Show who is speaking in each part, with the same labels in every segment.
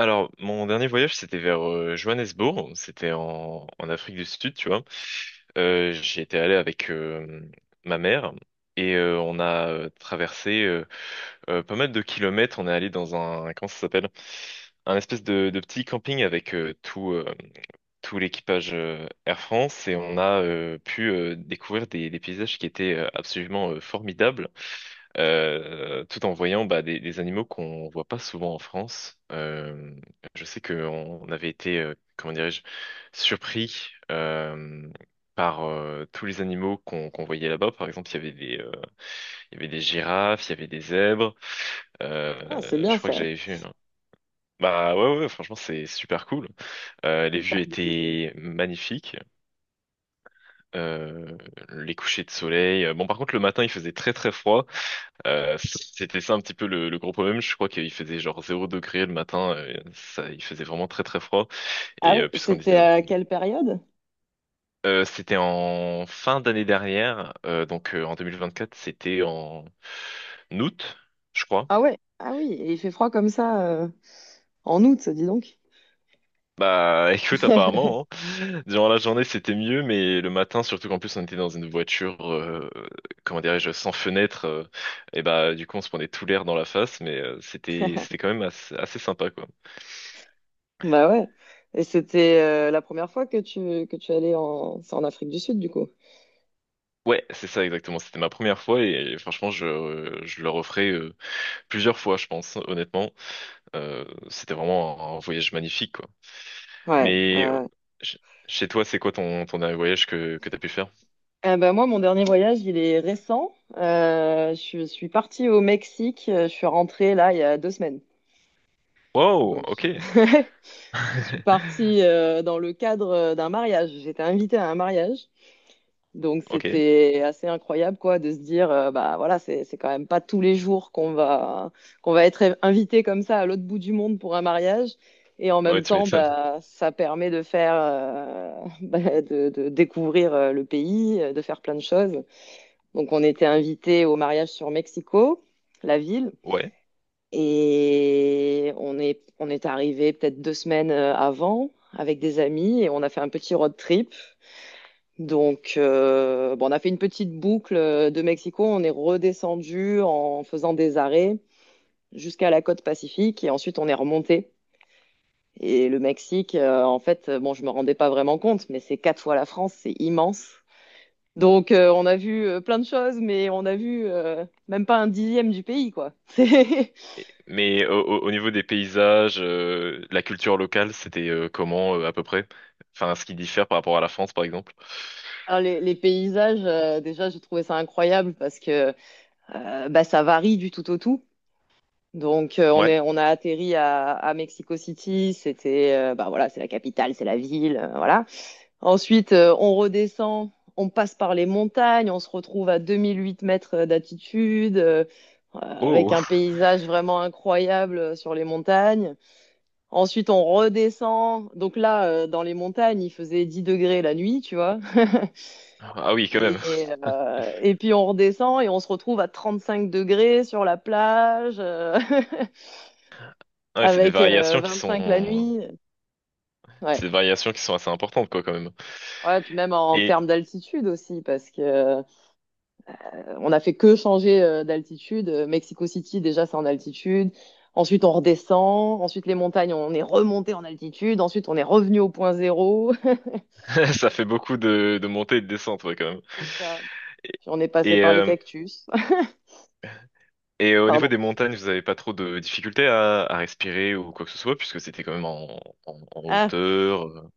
Speaker 1: Alors, mon dernier voyage, c'était vers Johannesburg. C'était en Afrique du Sud, tu vois. J'y étais allé avec ma mère et on a traversé pas mal de kilomètres. On est allé dans un, comment ça s'appelle? Un espèce de petit camping avec tout l'équipage Air France et on a pu découvrir des paysages qui étaient absolument formidables, tout en voyant bah, des animaux qu'on voit pas souvent en France. Je sais qu'on avait été, comment dirais-je, surpris par tous les animaux qu'on qu'on voyait là-bas. Par exemple, il y avait des girafes, il y avait des zèbres.
Speaker 2: Ah, c'est bien
Speaker 1: Je crois que
Speaker 2: ça.
Speaker 1: j'avais vu, hein. Bah ouais, ouais, franchement, c'est super cool. Les
Speaker 2: C'est pas
Speaker 1: vues
Speaker 2: des.
Speaker 1: étaient magnifiques, euh, les couchers de soleil. Bon, par contre, le matin, il faisait très très froid. C'était ça un petit peu le gros problème. Je crois qu'il faisait genre 0 degré le matin. Ça, il faisait vraiment très très froid.
Speaker 2: Ah
Speaker 1: Et
Speaker 2: oui,
Speaker 1: puisqu'on était,
Speaker 2: c'était à quelle période?
Speaker 1: c'était en fin d'année dernière, donc en 2024, c'était en août, je crois.
Speaker 2: Ah ouais, ah oui, et il fait froid comme ça en août, dis donc.
Speaker 1: Bah écoute, apparemment, hein. Durant la journée c'était mieux, mais le matin, surtout qu'en plus on était dans une voiture, comment dirais-je, sans fenêtre, et bah du coup on se prenait tout l'air dans la face, mais c'était quand même assez sympa quoi.
Speaker 2: Bah ouais. Et c'était la première fois que tu allais en c'est en Afrique du Sud du coup.
Speaker 1: Ouais, c'est ça exactement, c'était ma première fois et, franchement je le referai plusieurs fois je pense, honnêtement. C'était vraiment un voyage magnifique quoi.
Speaker 2: Ouais.
Speaker 1: Mais ch- chez toi c'est quoi ton dernier voyage que t'as pu faire?
Speaker 2: Eh ben moi mon dernier voyage il est récent. Je suis partie au Mexique. Je suis rentrée là il y a 2 semaines.
Speaker 1: Wow,
Speaker 2: Donc je,
Speaker 1: ok.
Speaker 2: je suis partie dans le cadre d'un mariage. J'étais invitée à un mariage. Donc
Speaker 1: Ok,
Speaker 2: c'était assez incroyable quoi de se dire bah voilà, c'est quand même pas tous les jours qu'on va être invité comme ça à l'autre bout du monde pour un mariage. Et en
Speaker 1: ouais
Speaker 2: même
Speaker 1: tu
Speaker 2: temps
Speaker 1: m'étonnes.
Speaker 2: bah ça permet de faire bah, de découvrir le pays, de faire plein de choses. Donc on était invité au mariage sur Mexico, la ville,
Speaker 1: Ouais.
Speaker 2: et on est arrivé peut-être 2 semaines avant avec des amis, et on a fait un petit road trip. Donc, bon, on a fait une petite boucle de Mexico. On est redescendu en faisant des arrêts jusqu'à la côte pacifique, et ensuite on est remonté. Et le Mexique, en fait, bon, je me rendais pas vraiment compte, mais c'est quatre fois la France, c'est immense. Donc, on a vu plein de choses, mais on a vu même pas un dixième du pays, quoi.
Speaker 1: Mais au niveau des paysages, la culture locale, c'était comment à peu près? Enfin, ce qui diffère par rapport à la France, par exemple.
Speaker 2: Alors, les paysages, déjà, je trouvais ça incroyable parce que bah, ça varie du tout au tout. Donc,
Speaker 1: Ouais.
Speaker 2: on a atterri à Mexico City. C'était, bah voilà, c'est la capitale, c'est la ville, voilà. Ensuite, on redescend, on passe par les montagnes, on se retrouve à 2008 mètres d'altitude, avec
Speaker 1: Oh.
Speaker 2: un paysage vraiment incroyable sur les montagnes. Ensuite, on redescend. Donc là, dans les montagnes, il faisait 10 degrés la nuit, tu vois.
Speaker 1: Ah oui, quand même.
Speaker 2: Et puis on redescend et on se retrouve à 35 degrés sur la plage.
Speaker 1: Ah ouais,
Speaker 2: Avec 25 la nuit.
Speaker 1: c'est
Speaker 2: Ouais.
Speaker 1: des variations qui sont assez importantes, quoi, quand même.
Speaker 2: Ouais, puis même en
Speaker 1: Et
Speaker 2: termes d'altitude aussi, parce que on a fait que changer d'altitude. Mexico City, déjà, c'est en altitude. Ensuite, on redescend. Ensuite, les montagnes, on est remonté en altitude. Ensuite, on est revenu au point zéro.
Speaker 1: ça fait beaucoup de montées et de descentes, ouais, quand même.
Speaker 2: C'est ça. Puis on est passé
Speaker 1: Et,
Speaker 2: par les
Speaker 1: euh,
Speaker 2: cactus.
Speaker 1: et au niveau
Speaker 2: Pardon.
Speaker 1: des montagnes, vous avez pas trop de difficultés à respirer ou quoi que ce soit, puisque c'était quand même en
Speaker 2: Ah,
Speaker 1: hauteur.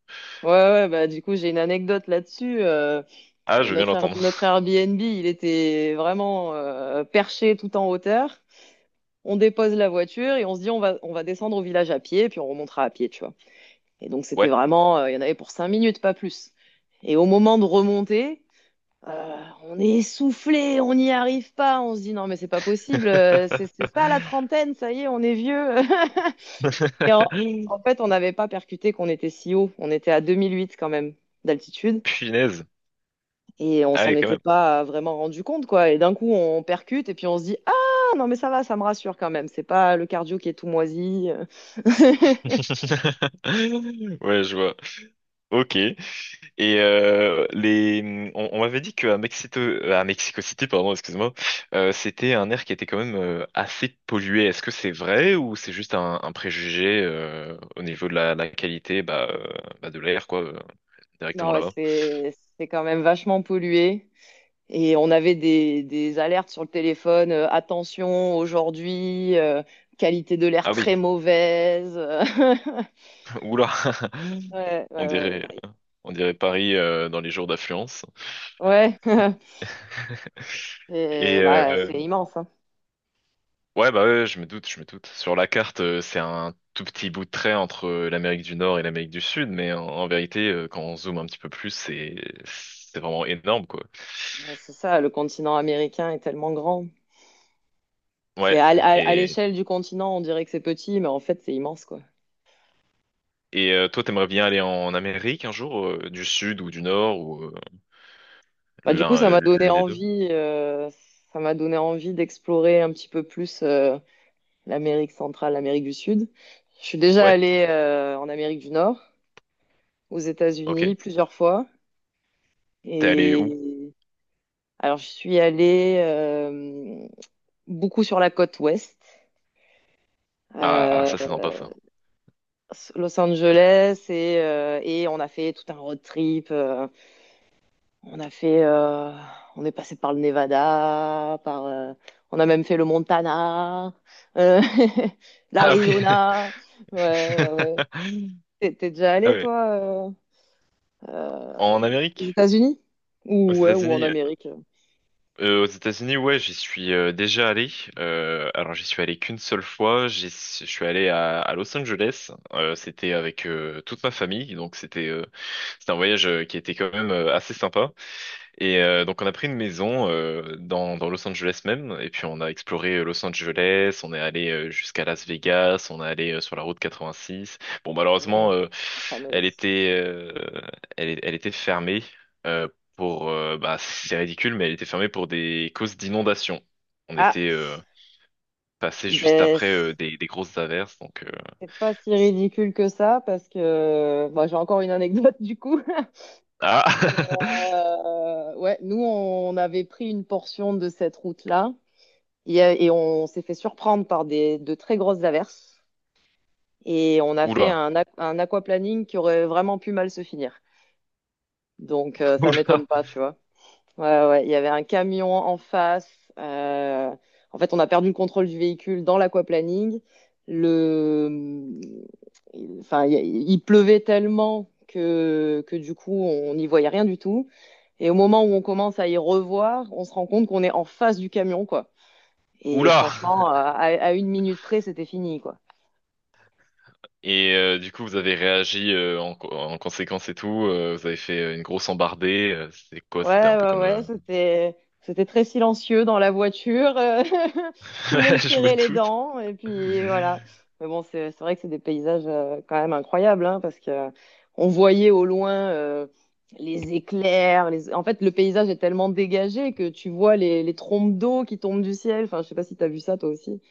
Speaker 2: ouais, ouais, bah, du coup, j'ai une anecdote là-dessus. Euh,
Speaker 1: Ah, je
Speaker 2: euh,
Speaker 1: veux bien
Speaker 2: notre, Air-
Speaker 1: l'entendre.
Speaker 2: notre Airbnb, il était vraiment perché tout en hauteur. On dépose la voiture et on se dit on va, descendre au village à pied, et puis on remontera à pied, tu vois. Et donc c'était
Speaker 1: Ouais.
Speaker 2: vraiment, il y en avait pour 5 minutes, pas plus. Et au moment de remonter, on est essoufflé, on n'y arrive pas, on se dit non mais c'est pas possible, c'est ça la trentaine, ça y est, on est vieux. Et en fait, on n'avait pas percuté qu'on était si haut, on était à 2008 quand même d'altitude.
Speaker 1: Punaise.
Speaker 2: Et on
Speaker 1: Ah
Speaker 2: s'en
Speaker 1: ouais, quand
Speaker 2: était
Speaker 1: même.
Speaker 2: pas vraiment rendu compte, quoi. Et d'un coup, on percute et puis on se dit, ah, non, mais ça va, ça me rassure quand même. C'est pas le cardio qui est tout moisi.
Speaker 1: Ouais, je vois. Ok. Et on m'avait dit qu'à Mexico, à Mexico City, pardon, excuse-moi, c'était un air qui était quand même assez pollué. Est-ce que c'est vrai ou c'est juste un préjugé au niveau de la qualité, bah, bah, de l'air, quoi,
Speaker 2: Non,
Speaker 1: directement
Speaker 2: ouais,
Speaker 1: là-bas?
Speaker 2: c'est quand même vachement pollué. Et on avait des alertes sur le téléphone, attention aujourd'hui, qualité de l'air
Speaker 1: Ah oui.
Speaker 2: très mauvaise.
Speaker 1: Oula.
Speaker 2: Ouais,
Speaker 1: On
Speaker 2: ouais, ouais.
Speaker 1: dirait,
Speaker 2: Bah,
Speaker 1: on dirait Paris dans les jours d'affluence.
Speaker 2: ouais,
Speaker 1: Et
Speaker 2: et bah,
Speaker 1: euh,
Speaker 2: c'est immense, hein.
Speaker 1: Ouais, bah ouais, je me doute, je me doute. Sur la carte, c'est un tout petit bout de trait entre l'Amérique du Nord et l'Amérique du Sud, mais en vérité, quand on zoome un petit peu plus, c'est vraiment énorme, quoi.
Speaker 2: C'est ça, le continent américain est tellement grand. C'est
Speaker 1: Ouais,
Speaker 2: à, à- à
Speaker 1: et
Speaker 2: l'échelle du continent, on dirait que c'est petit, mais en fait, c'est immense, quoi.
Speaker 1: et toi, t'aimerais bien aller en Amérique un jour, du Sud ou du Nord ou
Speaker 2: Bah, du coup, ça m'a donné
Speaker 1: l'une des deux?
Speaker 2: envie, d'explorer un petit peu plus l'Amérique centrale, l'Amérique du Sud. Je suis déjà
Speaker 1: Ouais,
Speaker 2: allée en Amérique du Nord, aux États-Unis,
Speaker 1: ok.
Speaker 2: plusieurs fois.
Speaker 1: T'es allé où?
Speaker 2: Et alors, je suis allée beaucoup sur la côte ouest.
Speaker 1: Ah,
Speaker 2: euh,
Speaker 1: ça c'est sympa ça.
Speaker 2: Los Angeles, et on a fait tout un road trip. On a fait, euh, on est passé par le Nevada, par, on a même fait le Montana, euh,
Speaker 1: Ah oui.
Speaker 2: l'Arizona. Ouais, ouais, ouais. T'es déjà
Speaker 1: Ah
Speaker 2: allé,
Speaker 1: ouais.
Speaker 2: toi, euh, euh,
Speaker 1: En
Speaker 2: aux
Speaker 1: Amérique?
Speaker 2: États-Unis?
Speaker 1: Aux
Speaker 2: Ouais, ou en
Speaker 1: États-Unis?
Speaker 2: Amérique?
Speaker 1: Aux États-Unis, ouais, j'y suis déjà allé. Alors, j'y suis allé qu'une seule fois. Je suis allé à Los Angeles. C'était avec toute ma famille, donc c'était un voyage qui était quand même assez sympa. Et donc on a pris une maison dans Los Angeles même, et puis on a exploré Los Angeles, on est allé jusqu'à Las Vegas, on est allé sur la route 86. Bon malheureusement
Speaker 2: Mhm. La
Speaker 1: elle
Speaker 2: fameuse.
Speaker 1: était euh, elle était fermée euh, pour bah c'est ridicule mais elle était fermée pour des causes d'inondation. On
Speaker 2: Ah,
Speaker 1: était passé juste
Speaker 2: ben,
Speaker 1: après des grosses averses donc
Speaker 2: c'est pas si ridicule que ça, parce que bah, j'ai encore une anecdote, du coup.
Speaker 1: ah,
Speaker 2: Ouais, nous, on avait pris une portion de cette route-là. Et on s'est fait surprendre par des, de très grosses averses. Et on a fait
Speaker 1: oula,
Speaker 2: un aquaplaning qui aurait vraiment pu mal se finir. Donc, ça
Speaker 1: oula,
Speaker 2: m'étonne pas, tu vois. Ouais, ouais, il y avait un camion en face. euh, En fait, on a perdu le contrôle du véhicule dans l'aquaplaning. Le. Enfin, il pleuvait tellement que du coup, on n'y voyait rien du tout. Et au moment où on commence à y revoir, on se rend compte qu'on est en face du camion, quoi. Et
Speaker 1: oula.
Speaker 2: franchement, à 1 minute près, c'était fini, quoi.
Speaker 1: Et du coup, vous avez réagi en conséquence et tout. Vous avez fait une grosse embardée. C'était quoi? C'était
Speaker 2: Ouais,
Speaker 1: un peu
Speaker 2: ouais,
Speaker 1: comme...
Speaker 2: ouais, c'était très silencieux dans la voiture. Tout le monde
Speaker 1: Je me
Speaker 2: serrait les
Speaker 1: doute.
Speaker 2: dents. Et puis voilà. Mais bon, c'est vrai que c'est des paysages quand même incroyables, hein, parce que on voyait au loin les éclairs. Les. En fait, le paysage est tellement dégagé que tu vois les trombes d'eau qui tombent du ciel. Enfin, je sais pas si tu as vu ça toi aussi.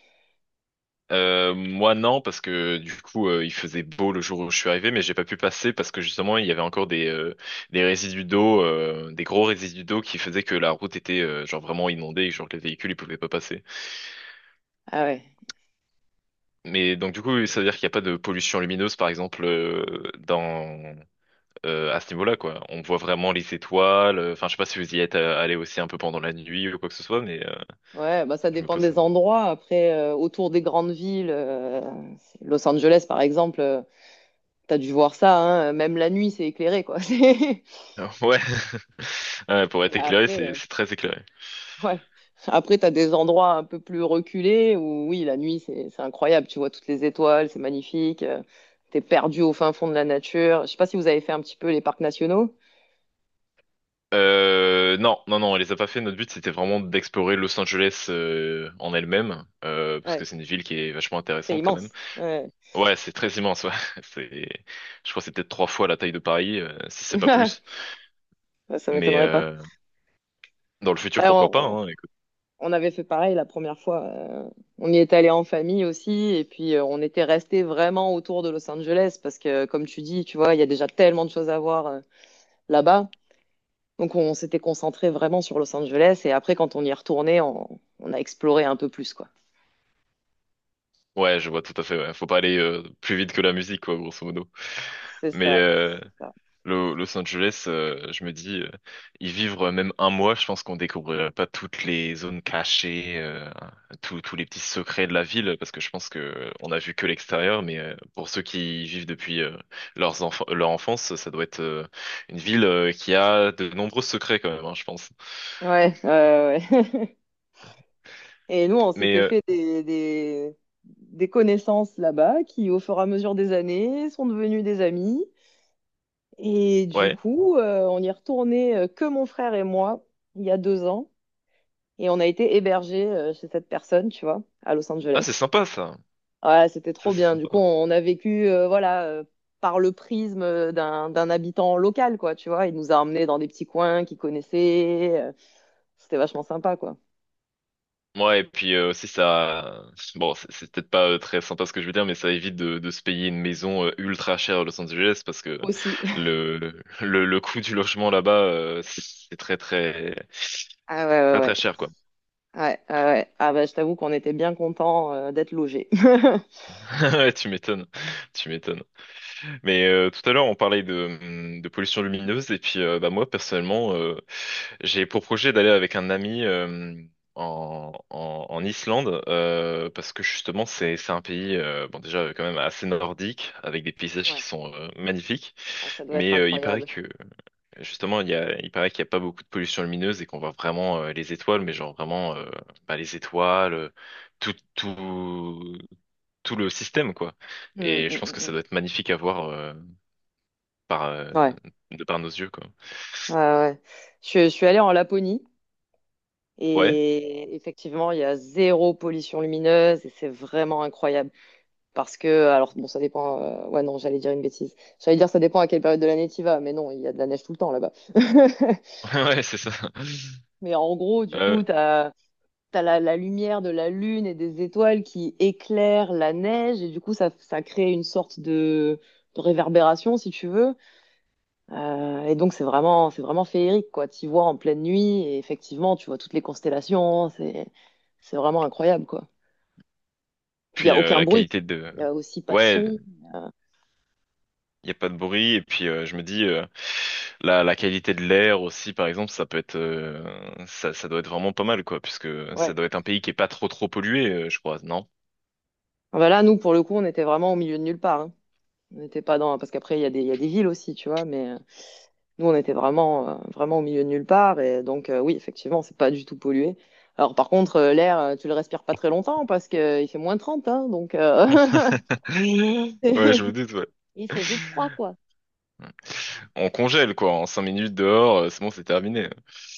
Speaker 1: Moi, non, parce que du coup, il faisait beau le jour où je suis arrivé, mais j'ai pas pu passer parce que justement, il y avait encore des résidus d'eau, des gros résidus d'eau qui faisaient que la route était genre vraiment inondée et genre que les véhicules, ils pouvaient pas passer.
Speaker 2: Ah ouais.
Speaker 1: Mais donc du coup, ça veut dire qu'il n'y a pas de pollution lumineuse, par exemple, dans... à ce niveau-là, quoi. On voit vraiment les étoiles. Enfin, je sais pas si vous y êtes allé aussi un peu pendant la nuit ou quoi que ce soit, mais
Speaker 2: Ouais, bah ça
Speaker 1: je me
Speaker 2: dépend
Speaker 1: pose.
Speaker 2: des endroits. Après, autour des grandes villes, Los Angeles par exemple, t'as dû voir ça, hein, même la nuit c'est éclairé quoi.
Speaker 1: Ah, ouais. Ouais, pour
Speaker 2: Mais
Speaker 1: être éclairé,
Speaker 2: après,
Speaker 1: c'est c'est très éclairé.
Speaker 2: ouais. Après, t'as des endroits un peu plus reculés où oui, la nuit c'est incroyable. Tu vois toutes les étoiles, c'est magnifique. T'es perdu au fin fond de la nature. Je sais pas si vous avez fait un petit peu les parcs nationaux.
Speaker 1: Non, non, non, on les a pas fait. Notre but, c'était vraiment d'explorer Los Angeles en elle-même, parce que
Speaker 2: Ouais,
Speaker 1: c'est une ville qui est vachement
Speaker 2: c'est
Speaker 1: intéressante quand même.
Speaker 2: immense. Ouais.
Speaker 1: Ouais, c'est très immense. Ouais. C'est, je crois, que c'est peut-être trois fois la taille de Paris, si c'est pas plus.
Speaker 2: Ça
Speaker 1: Mais
Speaker 2: m'étonnerait pas.
Speaker 1: dans le futur,
Speaker 2: Ouais,
Speaker 1: pourquoi pas, hein.
Speaker 2: on avait fait pareil la première fois. On y est allé en famille aussi, et puis on était resté vraiment autour de Los Angeles parce que, comme tu dis, tu vois, il y a déjà tellement de choses à voir là-bas. Donc on s'était concentré vraiment sur Los Angeles, et après quand on y est retourné, on a exploré un peu plus, quoi.
Speaker 1: Ouais, je vois tout à fait, ouais. Faut pas aller plus vite que la musique, quoi, grosso modo.
Speaker 2: C'est
Speaker 1: Mais
Speaker 2: ça, c'est ça.
Speaker 1: Los Angeles, je me dis, y vivre même un mois, je pense qu'on découvrirait pas toutes les zones cachées, tous les petits secrets de la ville, parce que je pense que on a vu que l'extérieur, mais pour ceux qui y vivent depuis leurs enfants, leur enfance, ça doit être une ville qui a de nombreux secrets quand même, hein, je pense.
Speaker 2: Ouais, ouais, ouais. Et nous, on
Speaker 1: Mais
Speaker 2: s'était fait des connaissances là-bas qui, au fur et à mesure des années, sont devenues des amis. Et du
Speaker 1: ouais,
Speaker 2: coup, on y est retourné que mon frère et moi il y a 2 ans. Et on a été hébergés chez cette personne, tu vois, à Los
Speaker 1: ah c'est
Speaker 2: Angeles.
Speaker 1: sympa ça,
Speaker 2: Ouais, c'était
Speaker 1: ça
Speaker 2: trop
Speaker 1: c'est
Speaker 2: bien. Du coup,
Speaker 1: sympa.
Speaker 2: a vécu, voilà, par le prisme d'un habitant local, quoi, tu vois. Il nous a emmenés dans des petits coins qu'il connaissait. C'était vachement sympa, quoi.
Speaker 1: Ouais, et puis aussi ça, bon, c'est peut-être pas très sympa ce que je veux dire, mais ça évite de se payer une maison ultra chère à Los Angeles parce que
Speaker 2: Aussi.
Speaker 1: le le coût du logement là-bas c'est très très
Speaker 2: Ah ouais, ouais,
Speaker 1: très très
Speaker 2: ouais.
Speaker 1: cher quoi.
Speaker 2: Ouais, ouais, ouais. Ah bah, je t'avoue qu'on était bien contents d'être logés.
Speaker 1: Ouais, tu m'étonnes, tu m'étonnes. Mais tout à l'heure, on parlait de pollution lumineuse et puis bah, moi personnellement, j'ai pour projet d'aller avec un ami en Islande parce que justement c'est un pays bon déjà quand même assez nordique avec des paysages
Speaker 2: Ouais.
Speaker 1: qui sont magnifiques,
Speaker 2: Ah, ça doit être
Speaker 1: mais il paraît
Speaker 2: incroyable.
Speaker 1: que justement il paraît qu'il n'y a pas beaucoup de pollution lumineuse et qu'on voit vraiment les étoiles, mais genre vraiment bah, les étoiles, tout tout tout le système quoi.
Speaker 2: Mm,
Speaker 1: Et
Speaker 2: mm,
Speaker 1: je pense
Speaker 2: mm,
Speaker 1: que ça
Speaker 2: mm.
Speaker 1: doit être magnifique à voir par
Speaker 2: Ouais.
Speaker 1: de par nos yeux quoi.
Speaker 2: Ouais, ouais. Je suis allée en Laponie,
Speaker 1: Ouais,
Speaker 2: et effectivement, il y a zéro pollution lumineuse et c'est vraiment incroyable. Parce que, alors bon, ça dépend. Ouais, non, j'allais dire une bêtise. J'allais dire ça dépend à quelle période de l'année tu y vas, mais non, il y a de la neige tout le temps là-bas.
Speaker 1: ouais, c'est ça.
Speaker 2: Mais en gros, du coup,
Speaker 1: Euh,
Speaker 2: t'as la lumière de la lune et des étoiles qui éclairent la neige et du coup, ça crée une sorte de réverbération, si tu veux. Et donc c'est vraiment féerique quoi. Tu vois en pleine nuit et effectivement tu vois toutes les constellations. C'est vraiment incroyable quoi. Puis il y
Speaker 1: puis
Speaker 2: a aucun
Speaker 1: la
Speaker 2: bruit.
Speaker 1: qualité de
Speaker 2: Il y a aussi pas de
Speaker 1: Ouais,
Speaker 2: son.
Speaker 1: il y a pas de bruit et puis je me dis la qualité de l'air aussi par exemple, ça peut être ça doit être vraiment pas mal quoi puisque ça
Speaker 2: Ouais.
Speaker 1: doit être un pays qui est pas trop trop pollué je crois, non?
Speaker 2: Ah bah là nous pour le coup on était vraiment au milieu de nulle part. Hein. On n'était pas dans parce qu'après il y a des, il y a des villes aussi tu vois. Mais nous on était vraiment, vraiment au milieu de nulle part et donc oui effectivement c'est pas du tout pollué. Alors par contre l'air tu le respires pas très longtemps parce que il fait -30, hein, donc
Speaker 1: Ouais, je me doute ouais.
Speaker 2: il fait vite froid, quoi.
Speaker 1: On congèle quoi, en 5 minutes dehors, c'est bon, c'est terminé.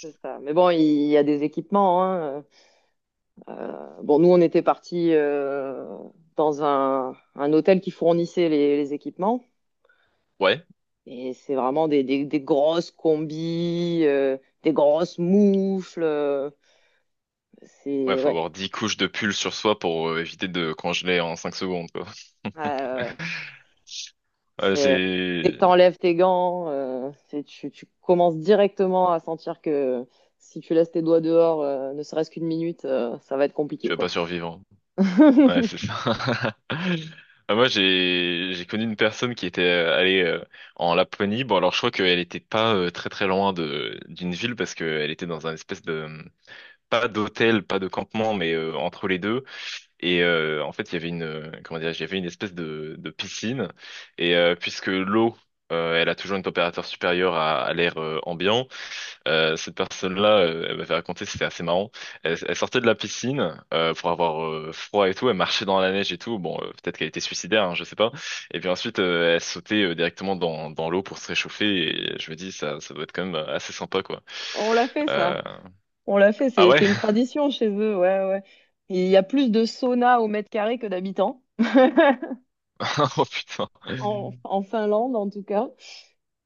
Speaker 2: C'est ça. Mais bon, il y a des équipements. Hein. Bon, nous, on était partis dans un hôtel qui fournissait les équipements.
Speaker 1: Ouais.
Speaker 2: Et c'est vraiment des grosses combis, des grosses moufles.
Speaker 1: Ouais,
Speaker 2: C'est
Speaker 1: faut
Speaker 2: ouais,
Speaker 1: avoir 10 couches de pull sur soi pour éviter de congeler en 5 secondes quoi.
Speaker 2: Ah, ouais, ouais.
Speaker 1: Ouais,
Speaker 2: C'est dès que
Speaker 1: j'ai
Speaker 2: t'enlèves tes gants, tu commences directement à sentir que si tu laisses tes doigts dehors, ne serait-ce qu'1 minute, ça va être compliqué,
Speaker 1: Tu vas
Speaker 2: quoi.
Speaker 1: pas survivre. Ouais, c'est ça. Ah, moi, j'ai connu une personne qui était allée en Laponie. Bon, alors je crois qu'elle était pas très très loin de d'une ville parce qu'elle était dans un espèce de pas d'hôtel, pas de campement, mais entre les deux. Et en fait, il y avait une comment dire, il y avait une espèce de piscine. Et puisque l'eau, elle a toujours une température supérieure à l'air ambiant, cette personne-là, elle m'avait raconté, c'était assez marrant. Elle sortait de la piscine pour avoir froid et tout. Elle marchait dans la neige et tout. Bon, peut-être qu'elle était suicidaire, hein, je sais pas. Et puis ensuite, elle sautait directement dans l'eau pour se réchauffer. Et je me dis, ça doit être quand même assez sympa, quoi.
Speaker 2: On l'a fait,
Speaker 1: Euh,
Speaker 2: ça. On l'a fait,
Speaker 1: Ah
Speaker 2: c'est
Speaker 1: ouais?
Speaker 2: c'est une tradition chez eux, ouais, ouais. Il y a plus de saunas au mètre carré que d'habitants,
Speaker 1: Oh putain.
Speaker 2: en Finlande en tout cas.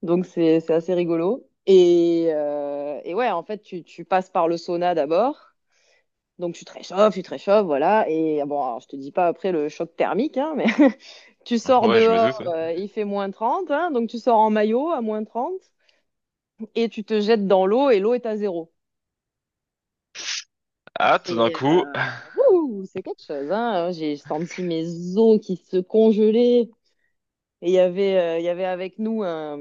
Speaker 2: Donc c'est assez rigolo. Et ouais, en fait, tu passes par le sauna d'abord. Donc tu te réchauffes, voilà. Et bon, alors, je te dis pas après le choc thermique, hein, mais tu sors
Speaker 1: Ouais, je me
Speaker 2: dehors,
Speaker 1: doute. Ouais.
Speaker 2: il fait -30. Hein, donc tu sors en maillot à -30. Et tu te jettes dans l'eau et l'eau est à zéro. Et
Speaker 1: Ah, tout d'un
Speaker 2: c'est
Speaker 1: coup,
Speaker 2: ouh, c'est quelque chose, hein. J'ai senti mes os qui se congelaient. Et il y avait avec nous un,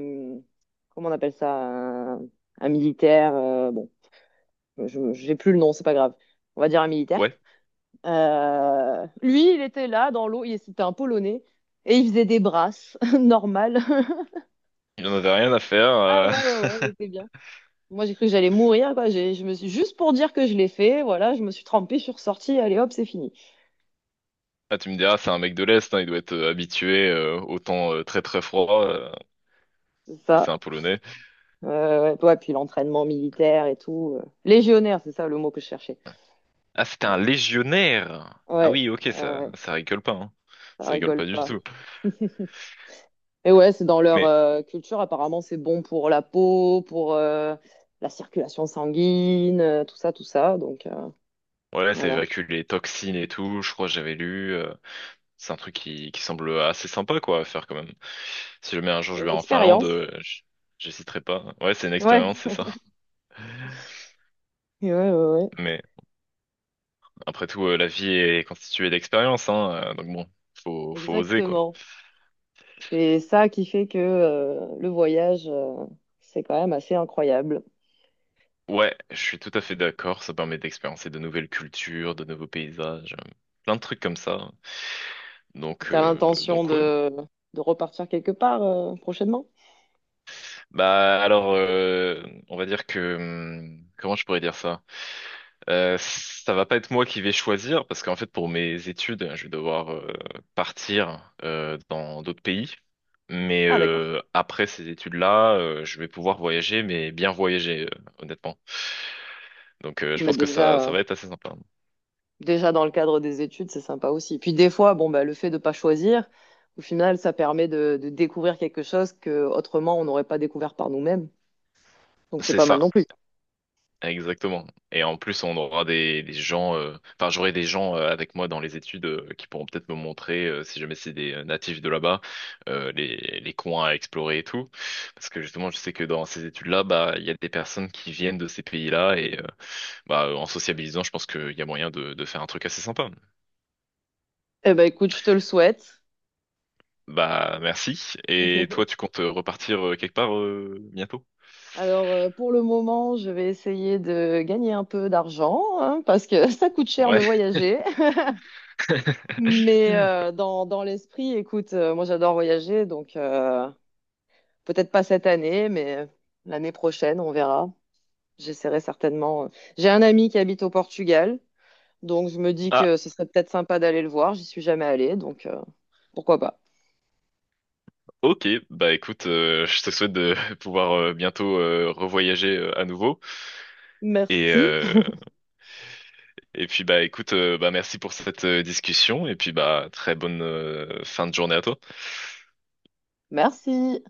Speaker 2: comment on appelle ça, un militaire. Bon, j'ai plus le nom, c'est pas grave. On va dire un militaire.
Speaker 1: ouais,
Speaker 2: Lui, il était là dans l'eau. Il c'était un Polonais et il faisait des brasses normales.
Speaker 1: il en avait rien à faire.
Speaker 2: Ah ouais, ouais, ouais, il était bien. Moi, j'ai cru que j'allais mourir, quoi. Je me suis juste pour dire que je l'ai fait. Voilà, je me suis trempée, je suis ressortie. Allez, hop, c'est fini.
Speaker 1: Ah, tu me diras, c'est un mec de l'Est, hein, il doit être habitué au temps très très froid, si c'est
Speaker 2: Ça.
Speaker 1: un Polonais.
Speaker 2: Ouais, ouais, ouais, puis l'entraînement militaire et tout. Légionnaire, c'est ça le mot que je cherchais.
Speaker 1: Ah, c'était
Speaker 2: Ouais,
Speaker 1: un légionnaire. Ah
Speaker 2: ouais,
Speaker 1: oui, ok,
Speaker 2: ouais,
Speaker 1: ça,
Speaker 2: ouais,
Speaker 1: ça rigole pas, hein.
Speaker 2: ça
Speaker 1: Ça rigole
Speaker 2: rigole
Speaker 1: pas du
Speaker 2: pas.
Speaker 1: tout.
Speaker 2: Et ouais, c'est dans leur
Speaker 1: Mais
Speaker 2: culture, apparemment, c'est bon pour la peau, pour la circulation sanguine, tout ça, tout ça. Donc
Speaker 1: voilà, ça
Speaker 2: voilà,
Speaker 1: évacue les toxines et tout. Je crois que j'avais lu. C'est un truc qui semble assez sympa, quoi, à faire quand même. Si jamais un jour
Speaker 2: c'est
Speaker 1: je
Speaker 2: une
Speaker 1: vais en Finlande,
Speaker 2: expérience.
Speaker 1: j'hésiterai pas. Ouais, c'est une
Speaker 2: Ouais,
Speaker 1: expérience, c'est ça.
Speaker 2: ouais, ouais, ouais.
Speaker 1: Mais après tout, la vie est constituée d'expériences, hein. Donc bon, faut oser, quoi.
Speaker 2: Exactement. C'est ça qui fait que le voyage, c'est quand même assez incroyable.
Speaker 1: Ouais, je suis tout à fait d'accord. Ça permet d'expérimenter de nouvelles cultures, de nouveaux paysages, plein de trucs comme ça. Donc,
Speaker 2: T'as
Speaker 1: euh,
Speaker 2: l'intention
Speaker 1: donc ouais.
Speaker 2: de repartir quelque part prochainement?
Speaker 1: Bah alors, on va dire que comment je pourrais dire ça? Ça va pas être moi qui vais choisir parce qu'en fait pour mes études, je vais devoir partir dans d'autres pays. Mais
Speaker 2: Ah, d'accord.
Speaker 1: après ces études-là, je vais pouvoir voyager, mais bien voyager, honnêtement. Donc je
Speaker 2: Mais
Speaker 1: pense que
Speaker 2: déjà,
Speaker 1: ça va être assez sympa.
Speaker 2: déjà dans le cadre des études, c'est sympa aussi. Puis des fois, bon, bah, le fait de pas choisir, au final, ça permet de découvrir quelque chose que autrement on n'aurait pas découvert par nous-mêmes. Donc c'est
Speaker 1: C'est
Speaker 2: pas mal
Speaker 1: ça.
Speaker 2: non plus.
Speaker 1: Exactement. Et en plus, on aura enfin, j'aurai des gens avec moi dans les études qui pourront peut-être me montrer, si jamais c'est des natifs de là-bas, les coins à explorer et tout. Parce que justement, je sais que dans ces études-là, bah, il y a des personnes qui viennent de ces pays-là et bah, en sociabilisant, je pense qu'il y a moyen de faire un truc assez sympa.
Speaker 2: Eh ben écoute, je te le souhaite.
Speaker 1: Bah, merci. Et toi, tu comptes repartir quelque part bientôt?
Speaker 2: Alors pour le moment, je vais essayer de gagner un peu d'argent hein, parce que ça coûte cher de
Speaker 1: Ouais.
Speaker 2: voyager. Mais dans, dans l'esprit, écoute, moi j'adore voyager, donc peut-être pas cette année, mais l'année prochaine, on verra. J'essaierai certainement. J'ai un ami qui habite au Portugal, donc je me dis
Speaker 1: Ah,
Speaker 2: que ce serait peut-être sympa d'aller le voir. J'y suis jamais allée, donc pourquoi pas.
Speaker 1: ok. Bah écoute, je te souhaite de pouvoir bientôt revoyager à nouveau. Et,
Speaker 2: Merci.
Speaker 1: euh, et puis bah écoute, bah merci pour cette discussion et puis bah très bonne fin de journée à toi.
Speaker 2: Merci.